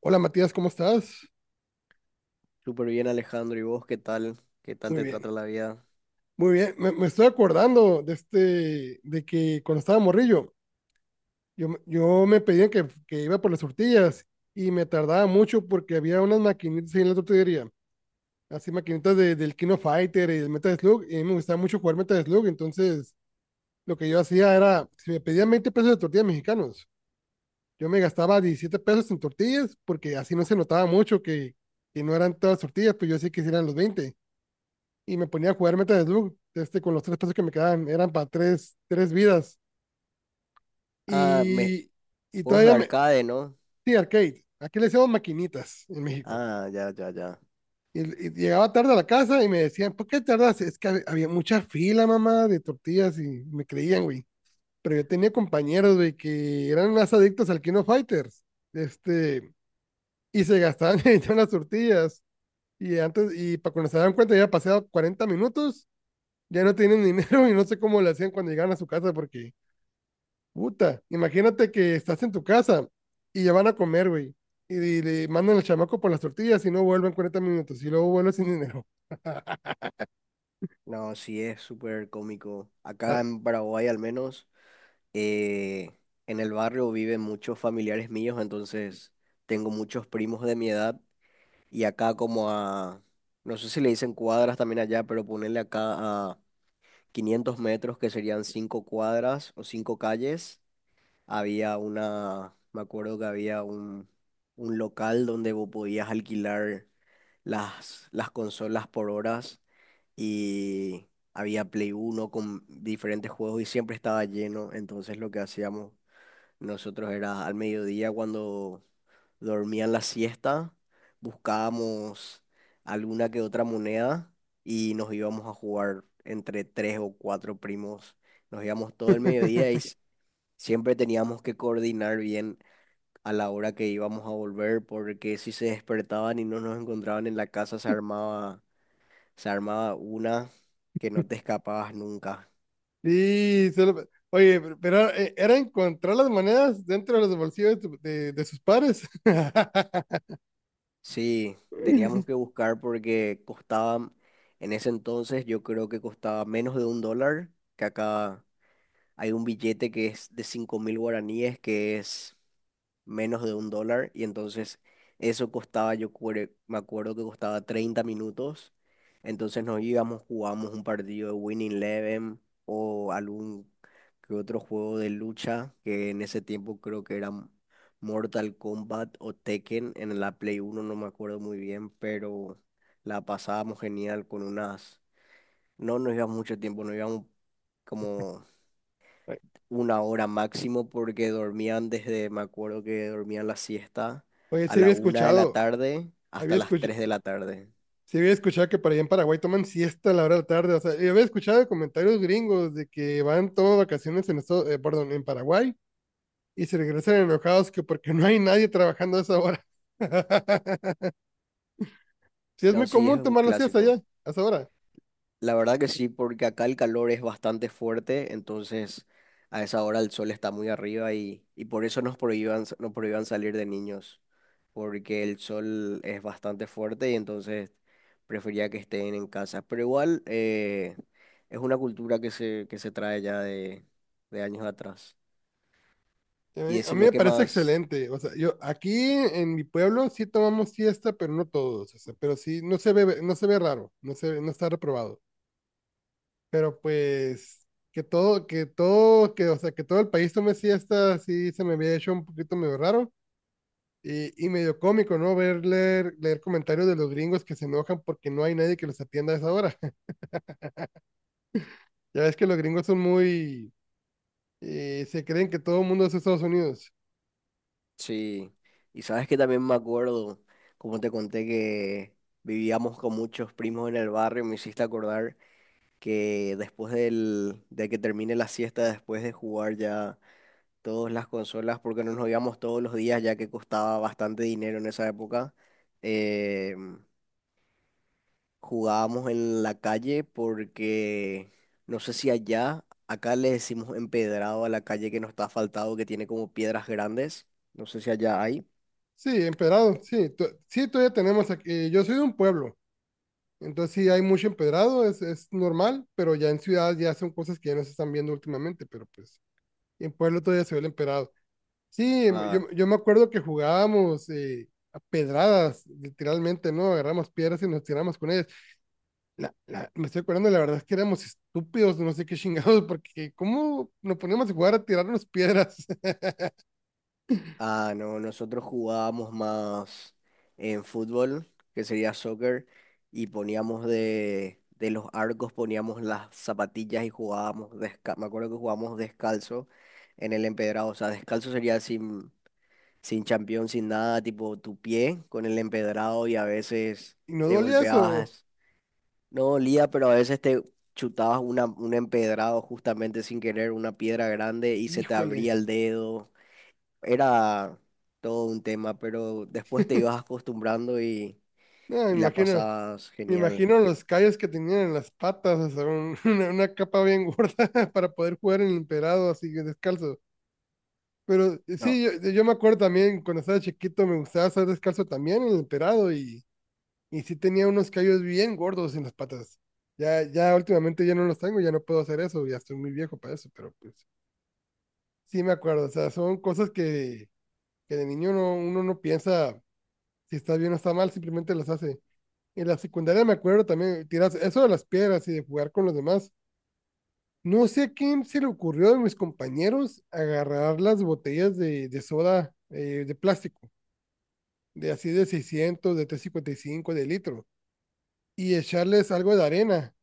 Hola Matías, ¿cómo estás? Súper bien, Alejandro. ¿Y vos qué tal? ¿Qué tal Muy te trata bien, la vida? muy bien. Me estoy acordando de de que cuando estaba morrillo, yo me pedían que iba por las tortillas y me tardaba mucho porque había unas maquinitas ahí en la tortillería, así maquinitas del Kino Fighter y del Metal Slug, y a mí me gustaba mucho jugar Metal Slug. Entonces lo que yo hacía era, si me pedían 20 pesos de tortillas mexicanos, yo me gastaba 17 pesos en tortillas porque así no se notaba mucho que no eran todas tortillas, pues yo sí que sí eran los 20. Y me ponía a jugar Metal Slug, con los 3 pesos que me quedaban, eran para tres vidas. Ah, Y, y juegos de todavía me... arcade, ¿no? Sí, arcade. Aquí le decíamos maquinitas en México. Ah, ya, ya, ya. Y, y llegaba tarde a la casa y me decían, ¿por qué tardas? Es que había mucha fila, mamá, de tortillas y me creían, güey. Pero yo tenía compañeros, güey, que eran más adictos al Kino Fighters. Este, y se gastaban en las tortillas. Y antes, y para cuando se daban cuenta, ya pasado 40 minutos, ya no tienen dinero y no sé cómo le hacían cuando llegaban a su casa porque puta, imagínate que estás en tu casa y ya van a comer, güey. Y le mandan al chamaco por las tortillas y no vuelven 40 minutos. Y luego vuelve sin dinero. No, sí, es súper cómico. Ah. Acá en Paraguay, al menos, eh, en el barrio viven muchos familiares míos, entonces tengo muchos primos de mi edad. Y acá, como a. No sé si le dicen cuadras también allá, pero ponerle acá a 500 metros, que serían 5 cuadras o 5 calles. Había me acuerdo que había un local donde vos podías alquilar las consolas por horas y había Play uno con diferentes juegos y siempre estaba lleno. Entonces lo que hacíamos nosotros era al mediodía cuando dormían la siesta, buscábamos alguna que otra moneda y nos íbamos a jugar entre tres o cuatro primos. Nos íbamos todo el mediodía y siempre teníamos que coordinar bien a la hora que íbamos a volver, porque si se despertaban y no nos encontraban en la casa, se armaba una que no te escapabas nunca. Sí, oye, pero era, era encontrar las monedas dentro de los bolsillos de sus padres. Sí, teníamos que buscar porque costaba, en ese entonces yo creo que costaba menos de 1 dólar, que acá hay un billete que es de 5000 guaraníes, que es menos de 1 dólar, y entonces eso costaba, me acuerdo que costaba 30 minutos, entonces nos íbamos, jugábamos un partido de Winning Eleven o algún que otro juego de lucha, que en ese tiempo creo que eran Mortal Kombat o Tekken, en la Play uno no me acuerdo muy bien, pero la pasábamos genial con unas, no nos íbamos mucho tiempo, nos íbamos como una hora máximo porque dormían desde, me acuerdo que dormían la siesta Oye, a la una de la tarde había hasta las escuchado, 3 de la tarde. sí había escuchado que para allá en Paraguay toman siesta a la hora de la tarde. O sea, yo había escuchado de comentarios gringos de que van todas vacaciones en esto, perdón, en Paraguay, y se regresan enojados que porque no hay nadie trabajando a esa hora. Sí, es No, muy sí, es común un tomar las siestas clásico. allá, a esa hora. La verdad que sí, porque acá el calor es bastante fuerte, entonces a esa hora el sol está muy arriba y por eso nos prohíban salir de niños, porque el sol es bastante fuerte y entonces prefería que estén en casa. Pero igual es una cultura que se trae ya de años atrás. Y A mí decime me qué parece más. excelente. O sea, yo aquí en mi pueblo sí tomamos siesta, pero no todos. O sea, pero sí, no se ve raro, no está reprobado. Pero pues o sea, que todo el país tome siesta, sí se me había hecho un poquito medio raro. Y medio cómico, ¿no? Ver leer comentarios de los gringos que se enojan porque no hay nadie que los atienda a esa hora. Ya ves que los gringos son muy... Se creen que todo el mundo es Estados Unidos. Sí. Y sabes que también me acuerdo, como te conté, que vivíamos con muchos primos en el barrio. Me hiciste acordar que después de que termine la siesta, después de jugar ya todas las consolas, porque no nos íbamos todos los días, ya que costaba bastante dinero en esa época. eh, Jugábamos en la calle porque no sé si allá, acá le decimos empedrado a la calle que no está asfaltado, que tiene como piedras grandes. No sé si allá hay. Sí, empedrado, sí. Sí, todavía tenemos aquí... Yo soy de un pueblo, entonces sí hay mucho empedrado, es normal, pero ya en ciudad ya son cosas que ya no se están viendo últimamente, pero pues en pueblo todavía se ve el empedrado. Sí, Ah, yo me acuerdo que jugábamos a pedradas, literalmente, ¿no? Agarramos piedras y nos tiramos con ellas. Me estoy acordando, la verdad es que éramos estúpidos, no sé qué chingados. ¿Porque cómo nos poníamos a jugar a tirarnos piedras? ah, no, nosotros jugábamos más en fútbol, que sería soccer, y poníamos de los arcos, poníamos las zapatillas y jugábamos descalzo. Me acuerdo que jugábamos descalzo en el empedrado. O sea, descalzo sería así. Sin champión, sin nada, tipo tu pie con el empedrado y a veces te ¿Inodolias o...? golpeabas, no dolía, pero a veces te chutabas una, un empedrado justamente sin querer, una piedra grande y se te Híjole. abría el dedo. Era todo un tema, pero después te ibas acostumbrando No, y la pasabas me genial. imagino los callos que tenían en las patas, o sea, una capa bien gorda para poder jugar en el emperado así que descalzo. Pero No, sí, yo me acuerdo también cuando estaba chiquito me gustaba estar descalzo también en el emperado, y sí tenía unos callos bien gordos en las patas. Ya, ya últimamente ya no los tengo, ya no puedo hacer eso, ya estoy muy viejo para eso, pero pues sí me acuerdo. O sea, son cosas que de niño no, uno no piensa si está bien o está mal, simplemente las hace. En la secundaria me acuerdo también tiras eso de las piedras y de jugar con los demás. No sé a quién se le ocurrió de mis compañeros agarrar las botellas de soda, de plástico, de así de 600, de 355 de litro, y echarles algo de arena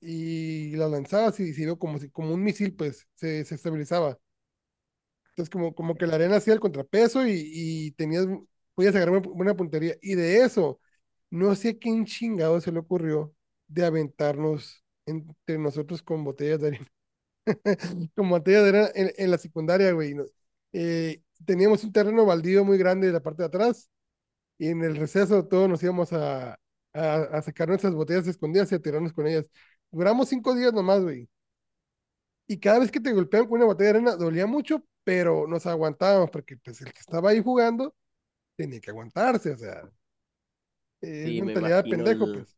y las lanzabas y sirvió como, como un misil, pues se estabilizaba. Entonces, como que la eh, arena hacía el contrapeso, y tenías, podías agarrar una puntería. Y de eso, no sé a quién chingado se le ocurrió de aventarnos entre nosotros con botellas de arena. Con botellas de arena en la secundaria, güey. Teníamos un terreno baldío muy grande en la parte de atrás, y en el receso todos nos íbamos a sacar nuestras botellas escondidas y a tirarnos con ellas. Duramos 5 días nomás, güey, y cada vez que te golpeaban con una botella de arena dolía mucho, pero nos aguantábamos porque pues el que estaba ahí jugando tenía que aguantarse. O sea, es sí, me mentalidad de imagino pendejo, el, pues.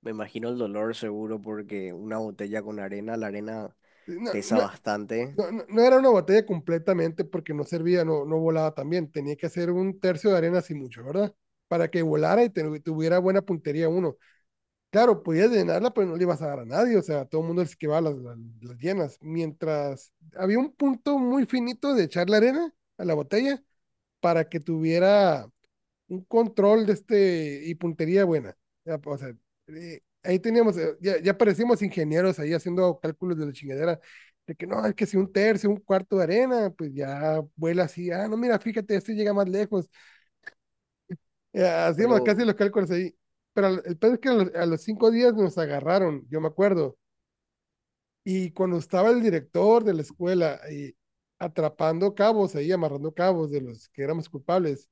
me imagino el dolor seguro porque una botella con arena, la arena No, pesa no, bastante, no, no era una botella completamente, porque no servía, no volaba también, tenía que hacer un tercio de arena así, mucho, ¿verdad? Para que volara y tuviera buena puntería uno. Claro, podías llenarla, pero no le ibas a dar a nadie, o sea, todo el mundo les esquivaba las llenas. Mientras había un punto muy finito de echar la arena a la botella para que tuviera un control de este y puntería buena. Ya, o sea, ahí teníamos, ya parecíamos ingenieros ahí haciendo cálculos de la chingadera, de que no, es que si un tercio, un cuarto de arena, pues ya vuela así, ah, no, mira, fíjate, este llega más lejos. Hacíamos casi pero... los cálculos ahí. Pero el pedo es que a los, 5 días nos agarraron, yo me acuerdo. Y cuando estaba el director de la escuela y atrapando cabos ahí, amarrando cabos de los que éramos culpables,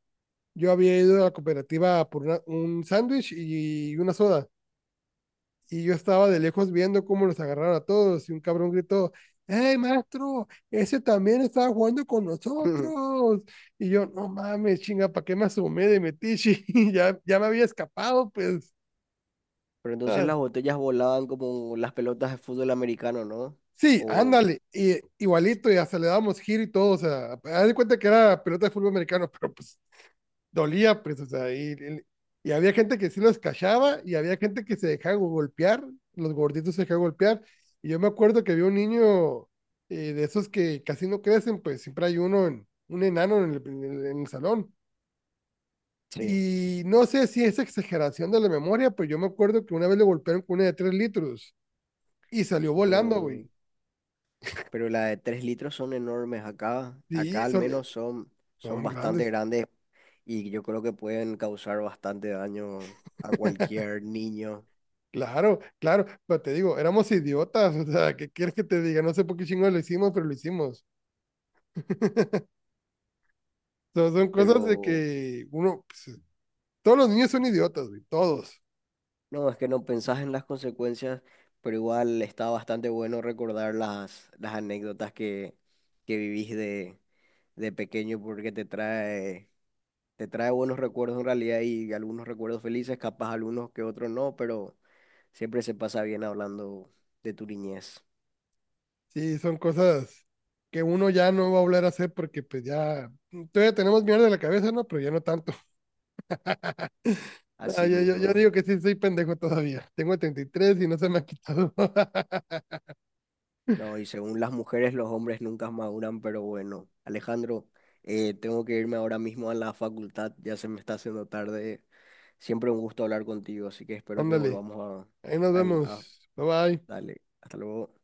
yo había ido a la cooperativa por un sándwich y una soda. Y yo estaba de lejos viendo cómo los agarraron a todos. Y un cabrón gritó, ¡Hey, maestro! Ese también estaba jugando con nosotros. Y yo, no mames, chinga, ¿para qué me asomé de metiche? Ya, ya me había escapado, pues. Pero entonces Ah, las botellas volaban como las pelotas de fútbol americano, ¿no? sí, O ándale. Y, igualito, y hasta le dábamos giro y todo. O sea, haz de cuenta que era pelota de fútbol americano. Pero pues dolía, pues, o sea, y, había gente que sí los cachaba y había gente que se dejaba golpear, los gorditos se dejaban golpear. Y yo me acuerdo que había un niño, de esos que casi no crecen, pues siempre hay uno, un enano en el salón. sí, Y no sé si es exageración de la memoria, pero yo me acuerdo que una vez le golpearon con una de 3 litros y salió volando, no. güey. Pero las de 3 litros son enormes acá. Sí, Acá al son, menos son son bastante grandes. grandes y yo creo que pueden causar bastante daño a cualquier niño. Claro, claro, pero te digo, éramos idiotas. O sea, ¿qué quieres que te diga? No sé por qué chingo lo hicimos, pero lo hicimos. So, son cosas de Pero que uno, pues, todos los niños son idiotas, güey, todos. no, es que no pensás en las consecuencias, pero igual está bastante bueno recordar las anécdotas que vivís de pequeño porque te trae buenos recuerdos en realidad y algunos recuerdos felices, capaz algunos que otros no, pero siempre se pasa bien hablando de tu niñez, Sí, son cosas que uno ya no va a volver a hacer porque pues ya, todavía tenemos mierda en la cabeza, ¿no? Pero ya no tanto. Ah, así yo mismo. digo que sí, soy pendejo todavía. Tengo 33 y no se me ha quitado. No, y según las mujeres, los hombres nunca maduran, pero bueno, Alejandro, tengo que irme ahora mismo a la facultad, ya se me está haciendo tarde. Siempre un gusto hablar contigo, así que espero que Ándale, volvamos ahí nos a... a, a- vemos. Bye bye. dale, hasta luego.